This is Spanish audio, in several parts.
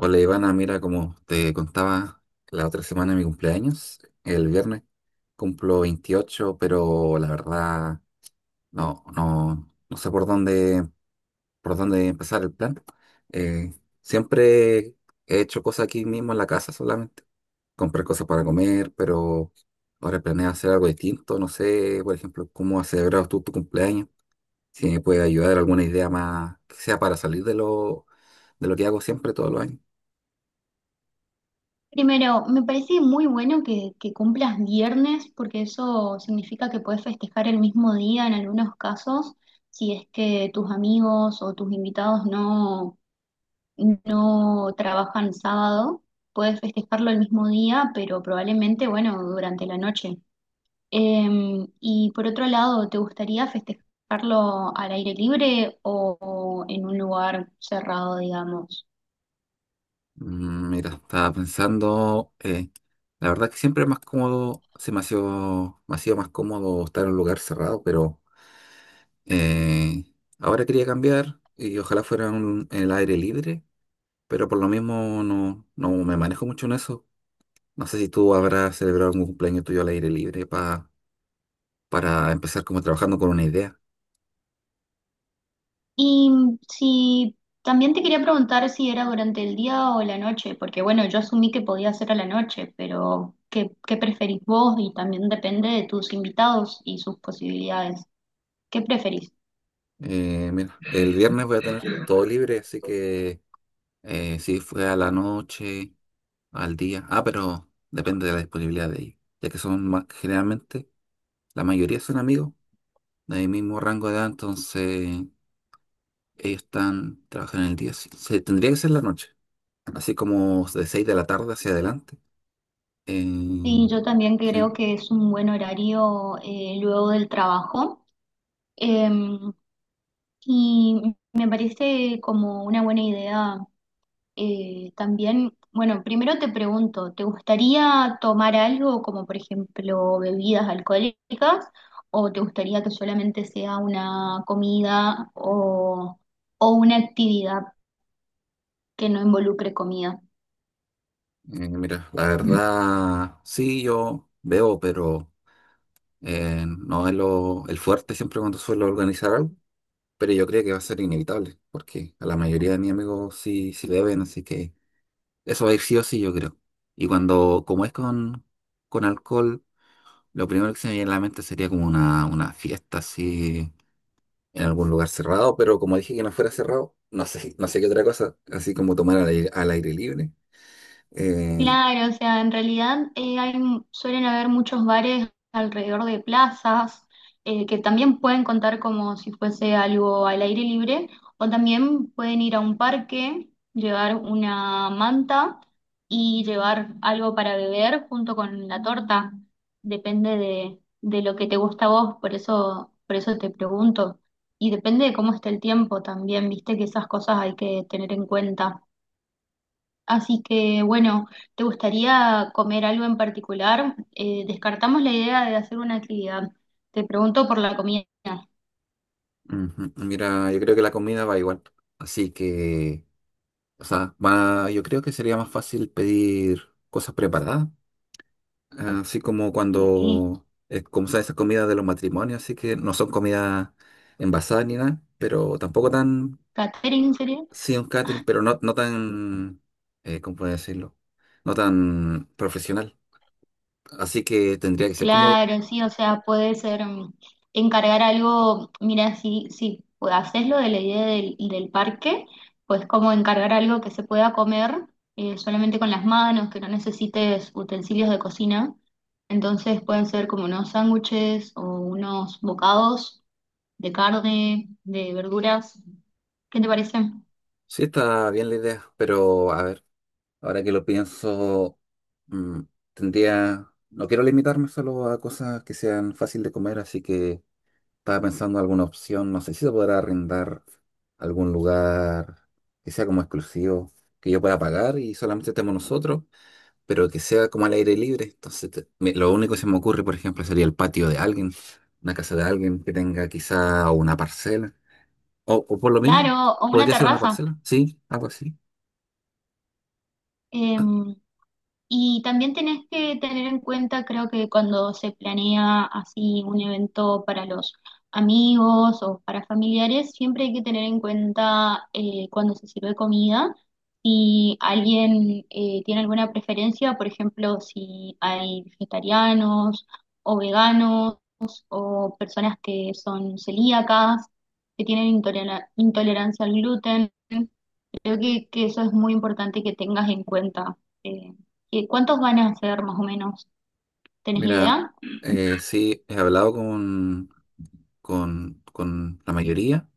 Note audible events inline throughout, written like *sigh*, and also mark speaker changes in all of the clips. Speaker 1: Hola Ivana, mira, como te contaba la otra semana de mi cumpleaños, el viernes, cumplo 28, pero la verdad no sé por dónde empezar el plan. Eh, Siempre he hecho cosas aquí mismo en la casa solamente, comprar cosas para comer, pero ahora planeo hacer algo distinto, no sé, por ejemplo, cómo has celebrado tú tu cumpleaños, si me puede ayudar alguna idea más que sea para salir de lo que hago siempre todos los años.
Speaker 2: Primero, me parece muy bueno que cumplas viernes, porque eso significa que puedes festejar el mismo día en algunos casos, si es que tus amigos o tus invitados no trabajan sábado, puedes festejarlo el mismo día, pero probablemente, bueno, durante la noche. Y por otro lado, ¿te gustaría festejarlo al aire libre o en un lugar cerrado, digamos?
Speaker 1: Mm, mira, estaba pensando, la verdad que siempre es más cómodo, se me ha sido más cómodo estar en un lugar cerrado, pero eh, ahora quería cambiar y ojalá fuera en el aire libre, pero por lo mismo no me manejo mucho en eso. No sé si tú habrás celebrado algún cumpleaños tuyo al aire libre para empezar como trabajando con una idea.
Speaker 2: Y si también te quería preguntar si era durante el día o la noche, porque bueno, yo asumí que podía ser a la noche, pero ¿qué preferís vos? Y también depende de tus invitados y sus posibilidades. ¿Qué preferís?
Speaker 1: Mira, el viernes voy a tener todo libre, así que sí, fue a la noche, al día. Ah, pero depende de la disponibilidad de ellos. Ya que son más, generalmente, la mayoría son amigos del mismo rango de edad, entonces ellos están trabajando en el día. Sí, se, tendría que ser la noche, así como de 6 de la tarde hacia adelante. Eh,
Speaker 2: Sí, yo también creo
Speaker 1: sí,
Speaker 2: que es un buen horario luego del trabajo. Em, y me parece como una buena idea. También, bueno, primero te pregunto, ¿te gustaría tomar algo como por ejemplo bebidas alcohólicas o te gustaría que solamente sea una o una actividad que no involucre comida?
Speaker 1: Mira, la verdad, sí, yo veo, pero no es lo, el fuerte siempre cuando suelo organizar algo. Pero yo creo que va a ser inevitable, porque a la mayoría de mis amigos sí beben, así que eso va a ir sí o sí, yo creo. Y cuando, como es con alcohol, lo primero que se me viene a la mente sería como una fiesta así en algún lugar cerrado, pero como dije que no fuera cerrado, no sé, *laughs* no sé qué otra cosa, así como tomar al aire libre. Eh,
Speaker 2: Claro, o sea, en realidad suelen haber muchos bares alrededor de plazas que también pueden contar como si fuese algo al aire libre, o también pueden ir a un parque, llevar una manta y llevar algo para beber junto con la torta. De lo que te gusta a vos, por eso te pregunto. Y depende de cómo esté el tiempo también, viste que esas cosas hay que tener en cuenta. Así que bueno, ¿te gustaría comer algo en particular? Descartamos la idea de hacer una actividad. Te pregunto por la comida.
Speaker 1: ujú, mira, yo creo que la comida va igual, así que, o sea, yo creo que sería más fácil pedir cosas preparadas. Ah, así como
Speaker 2: Sí.
Speaker 1: cuando, como son esas comidas de los matrimonios, así que no son comidas envasadas ni nada, pero tampoco tan,
Speaker 2: ¿Catering sería?
Speaker 1: sí, un catering, pero no tan, ¿cómo puedo decirlo? No tan profesional. Así que tendría que ser como,
Speaker 2: Claro, sí, o sea, puede ser encargar algo. Mira, si haces lo de la idea del parque, pues como encargar algo que se pueda comer solamente con las manos, que no necesites utensilios de cocina. Entonces pueden ser como unos sándwiches o unos bocados de carne, de verduras. ¿Qué te parece?
Speaker 1: sí, está bien la idea, pero a ver, ahora que lo pienso, mm, tendría, no quiero limitarme solo a cosas que sean fácil de comer, así que estaba pensando en alguna opción, no sé si se podrá arrendar algún lugar que sea como exclusivo, que yo pueda pagar y solamente estemos nosotros, pero que sea como al aire libre. Entonces, lo único que se me ocurre, por ejemplo, sería el patio de alguien, una casa de alguien que tenga quizá una parcela, o por lo mismo,
Speaker 2: Claro, o una
Speaker 1: podría ser una
Speaker 2: terraza.
Speaker 1: parcela, sí, algo así.
Speaker 2: Em, Y también tenés que tener en cuenta, creo que cuando se planea así un evento para los amigos o para familiares, siempre hay que tener en cuenta cuando se sirve comida, si alguien tiene alguna preferencia, por ejemplo, si hay vegetarianos o veganos o personas que son celíacas, que tienen intolerancia al gluten. Creo que eso es muy importante que tengas en cuenta. Eh, ¿Cuántos van a ser más o menos? ¿Tenés
Speaker 1: Mira,
Speaker 2: idea?
Speaker 1: sí, he hablado con la mayoría.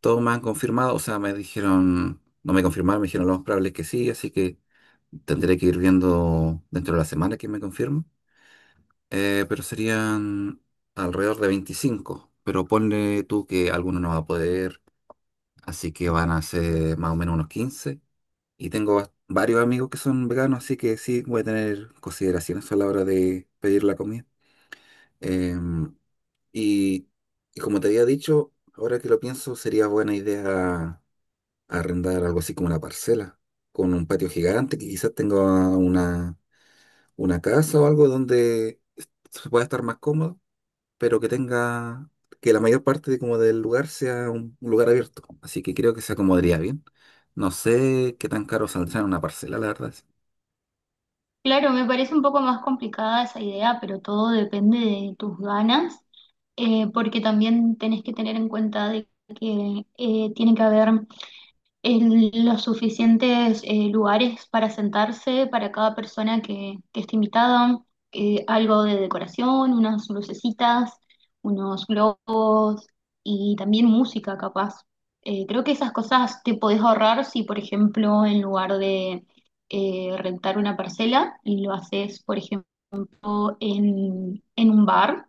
Speaker 1: Todos me han confirmado, o sea, me dijeron, no me confirmaron, me dijeron lo más probable es que sí, así que tendré que ir viendo dentro de la semana que me confirmo. Pero serían alrededor de 25, pero ponle tú que alguno no va a poder, así que van a ser más o menos unos 15. Y tengo varios amigos que son veganos, así que sí, voy a tener consideraciones a la hora de pedir la comida. Em, y, y como te había dicho, ahora que lo pienso, sería buena idea arrendar algo así como una parcela, con un patio gigante que quizás tenga una, una casa o algo donde se pueda estar más cómodo, pero que tenga, que la mayor parte de, como del lugar sea un lugar abierto. Así que creo que se acomodaría bien. No sé qué tan caro saldrá una parcela, la verdad.
Speaker 2: Claro, me parece un poco más complicada esa idea, pero todo depende de tus ganas, porque también tenés que tener en cuenta de que tiene que haber los suficientes lugares para sentarse para cada persona que esté invitada, algo de decoración, unas lucecitas, unos globos y también música capaz. Creo que esas cosas te podés ahorrar si, por ejemplo, en lugar de rentar una parcela, lo haces, por ejemplo, en un bar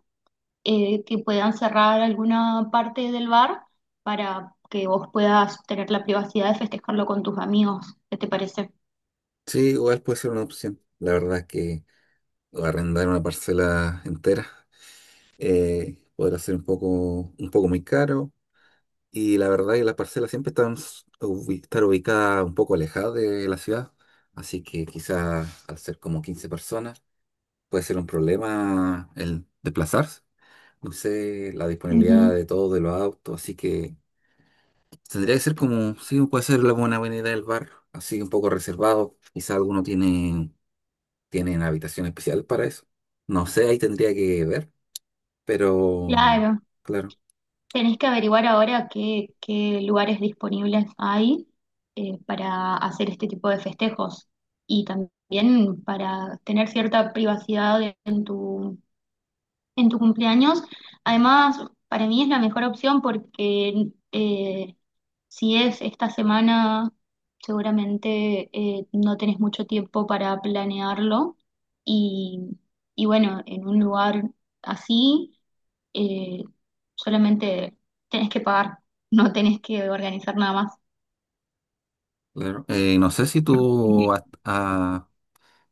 Speaker 2: que puedan cerrar alguna parte del bar para que vos puedas tener la privacidad de festejarlo con tus amigos. ¿Qué te parece?
Speaker 1: Sí, igual puede ser una opción. La verdad es que arrendar una parcela entera podrá ser un poco muy caro. Y la verdad que las parcelas siempre están estar ubicadas un poco alejadas de la ciudad, así que quizás al ser como 15 personas puede ser un problema el desplazarse. No sé la disponibilidad
Speaker 2: Ujú.
Speaker 1: de todos de los autos, así que tendría que ser como, sí, puede ser la buena avenida del bar, así un poco reservado. Quizás algunos tienen habitación especial para eso. No sé, ahí tendría que ver, pero
Speaker 2: Claro,
Speaker 1: claro,
Speaker 2: tenés que averiguar ahora qué lugares disponibles hay para hacer este tipo de festejos y también para tener cierta privacidad en tu cumpleaños. Además, para mí es la mejor opción porque si es esta semana, seguramente no tenés mucho tiempo para planearlo. Y, y bueno, en un lugar así, eh, solamente tenés que pagar, *laughs* no tenés que organizar nada más.
Speaker 1: claro. No sé si tú has,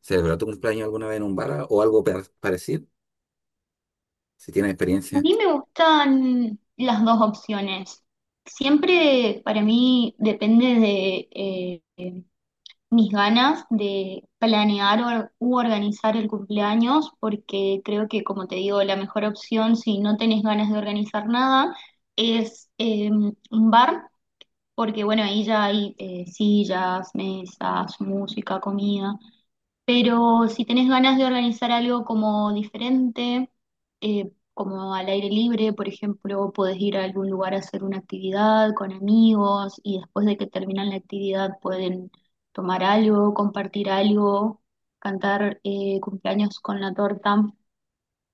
Speaker 1: ¿celebró tu cumpleaños alguna vez en un bar o algo parecido? Si tienes
Speaker 2: A
Speaker 1: experiencia,
Speaker 2: mí me gustan las dos opciones. Siempre para mí depende de mis ganas de planear u organizar el cumpleaños, porque creo que, como te digo, la mejor opción si no tenés ganas de organizar nada es un bar, porque bueno, ahí ya hay sillas, mesas, música, comida. Pero si tenés ganas de organizar algo como diferente, como al aire libre, por ejemplo, podés ir a algún lugar a hacer una actividad con amigos y después de que terminan la actividad pueden tomar algo, compartir algo, cantar cumpleaños con la torta.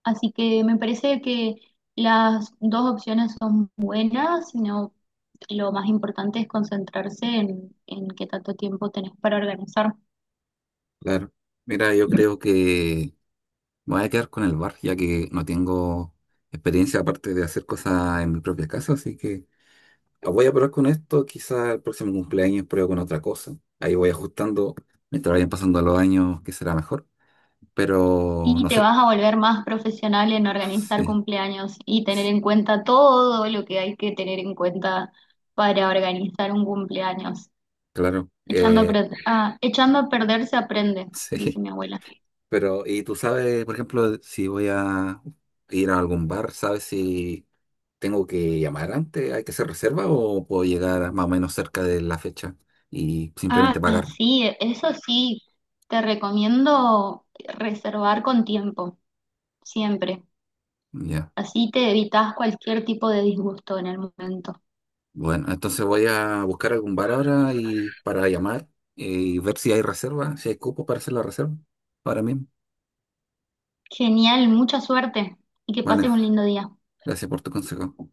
Speaker 2: Así que me parece que las dos opciones son buenas, sino lo más importante es concentrarse en qué tanto tiempo tenés para organizar.
Speaker 1: claro. Mira, yo creo que me voy a quedar con el bar, ya que no tengo experiencia aparte de hacer cosas en mi propia casa, así que voy a probar con esto. Quizá el próximo cumpleaños pruebo con otra cosa. Ahí voy ajustando mientras vayan pasando los años, que será mejor. Pero
Speaker 2: Y
Speaker 1: no
Speaker 2: te
Speaker 1: sé,
Speaker 2: vas a volver más profesional en organizar
Speaker 1: sí,
Speaker 2: cumpleaños y tener
Speaker 1: s-
Speaker 2: en cuenta todo lo que hay que tener en cuenta para organizar un cumpleaños.
Speaker 1: claro.
Speaker 2: Echando a perder se aprende,
Speaker 1: *laughs*
Speaker 2: dice
Speaker 1: Sí.
Speaker 2: mi abuela.
Speaker 1: Pero, y tú sabes, por ejemplo, si voy a ir a algún bar, ¿sabes si tengo que llamar antes, hay que hacer reserva o puedo llegar más o menos cerca de la fecha y simplemente
Speaker 2: Ah,
Speaker 1: pagar?
Speaker 2: sí, eso sí, te recomiendo reservar con tiempo, siempre.
Speaker 1: Ya.
Speaker 2: Así te evitas cualquier tipo de disgusto en el momento.
Speaker 1: Bueno, entonces voy a buscar algún bar ahora y para llamar y ver si hay reserva, si hay cupo para hacer la reserva ahora mismo.
Speaker 2: Genial, mucha suerte y que
Speaker 1: Vale,
Speaker 2: pases un lindo día.
Speaker 1: gracias por tu consejo.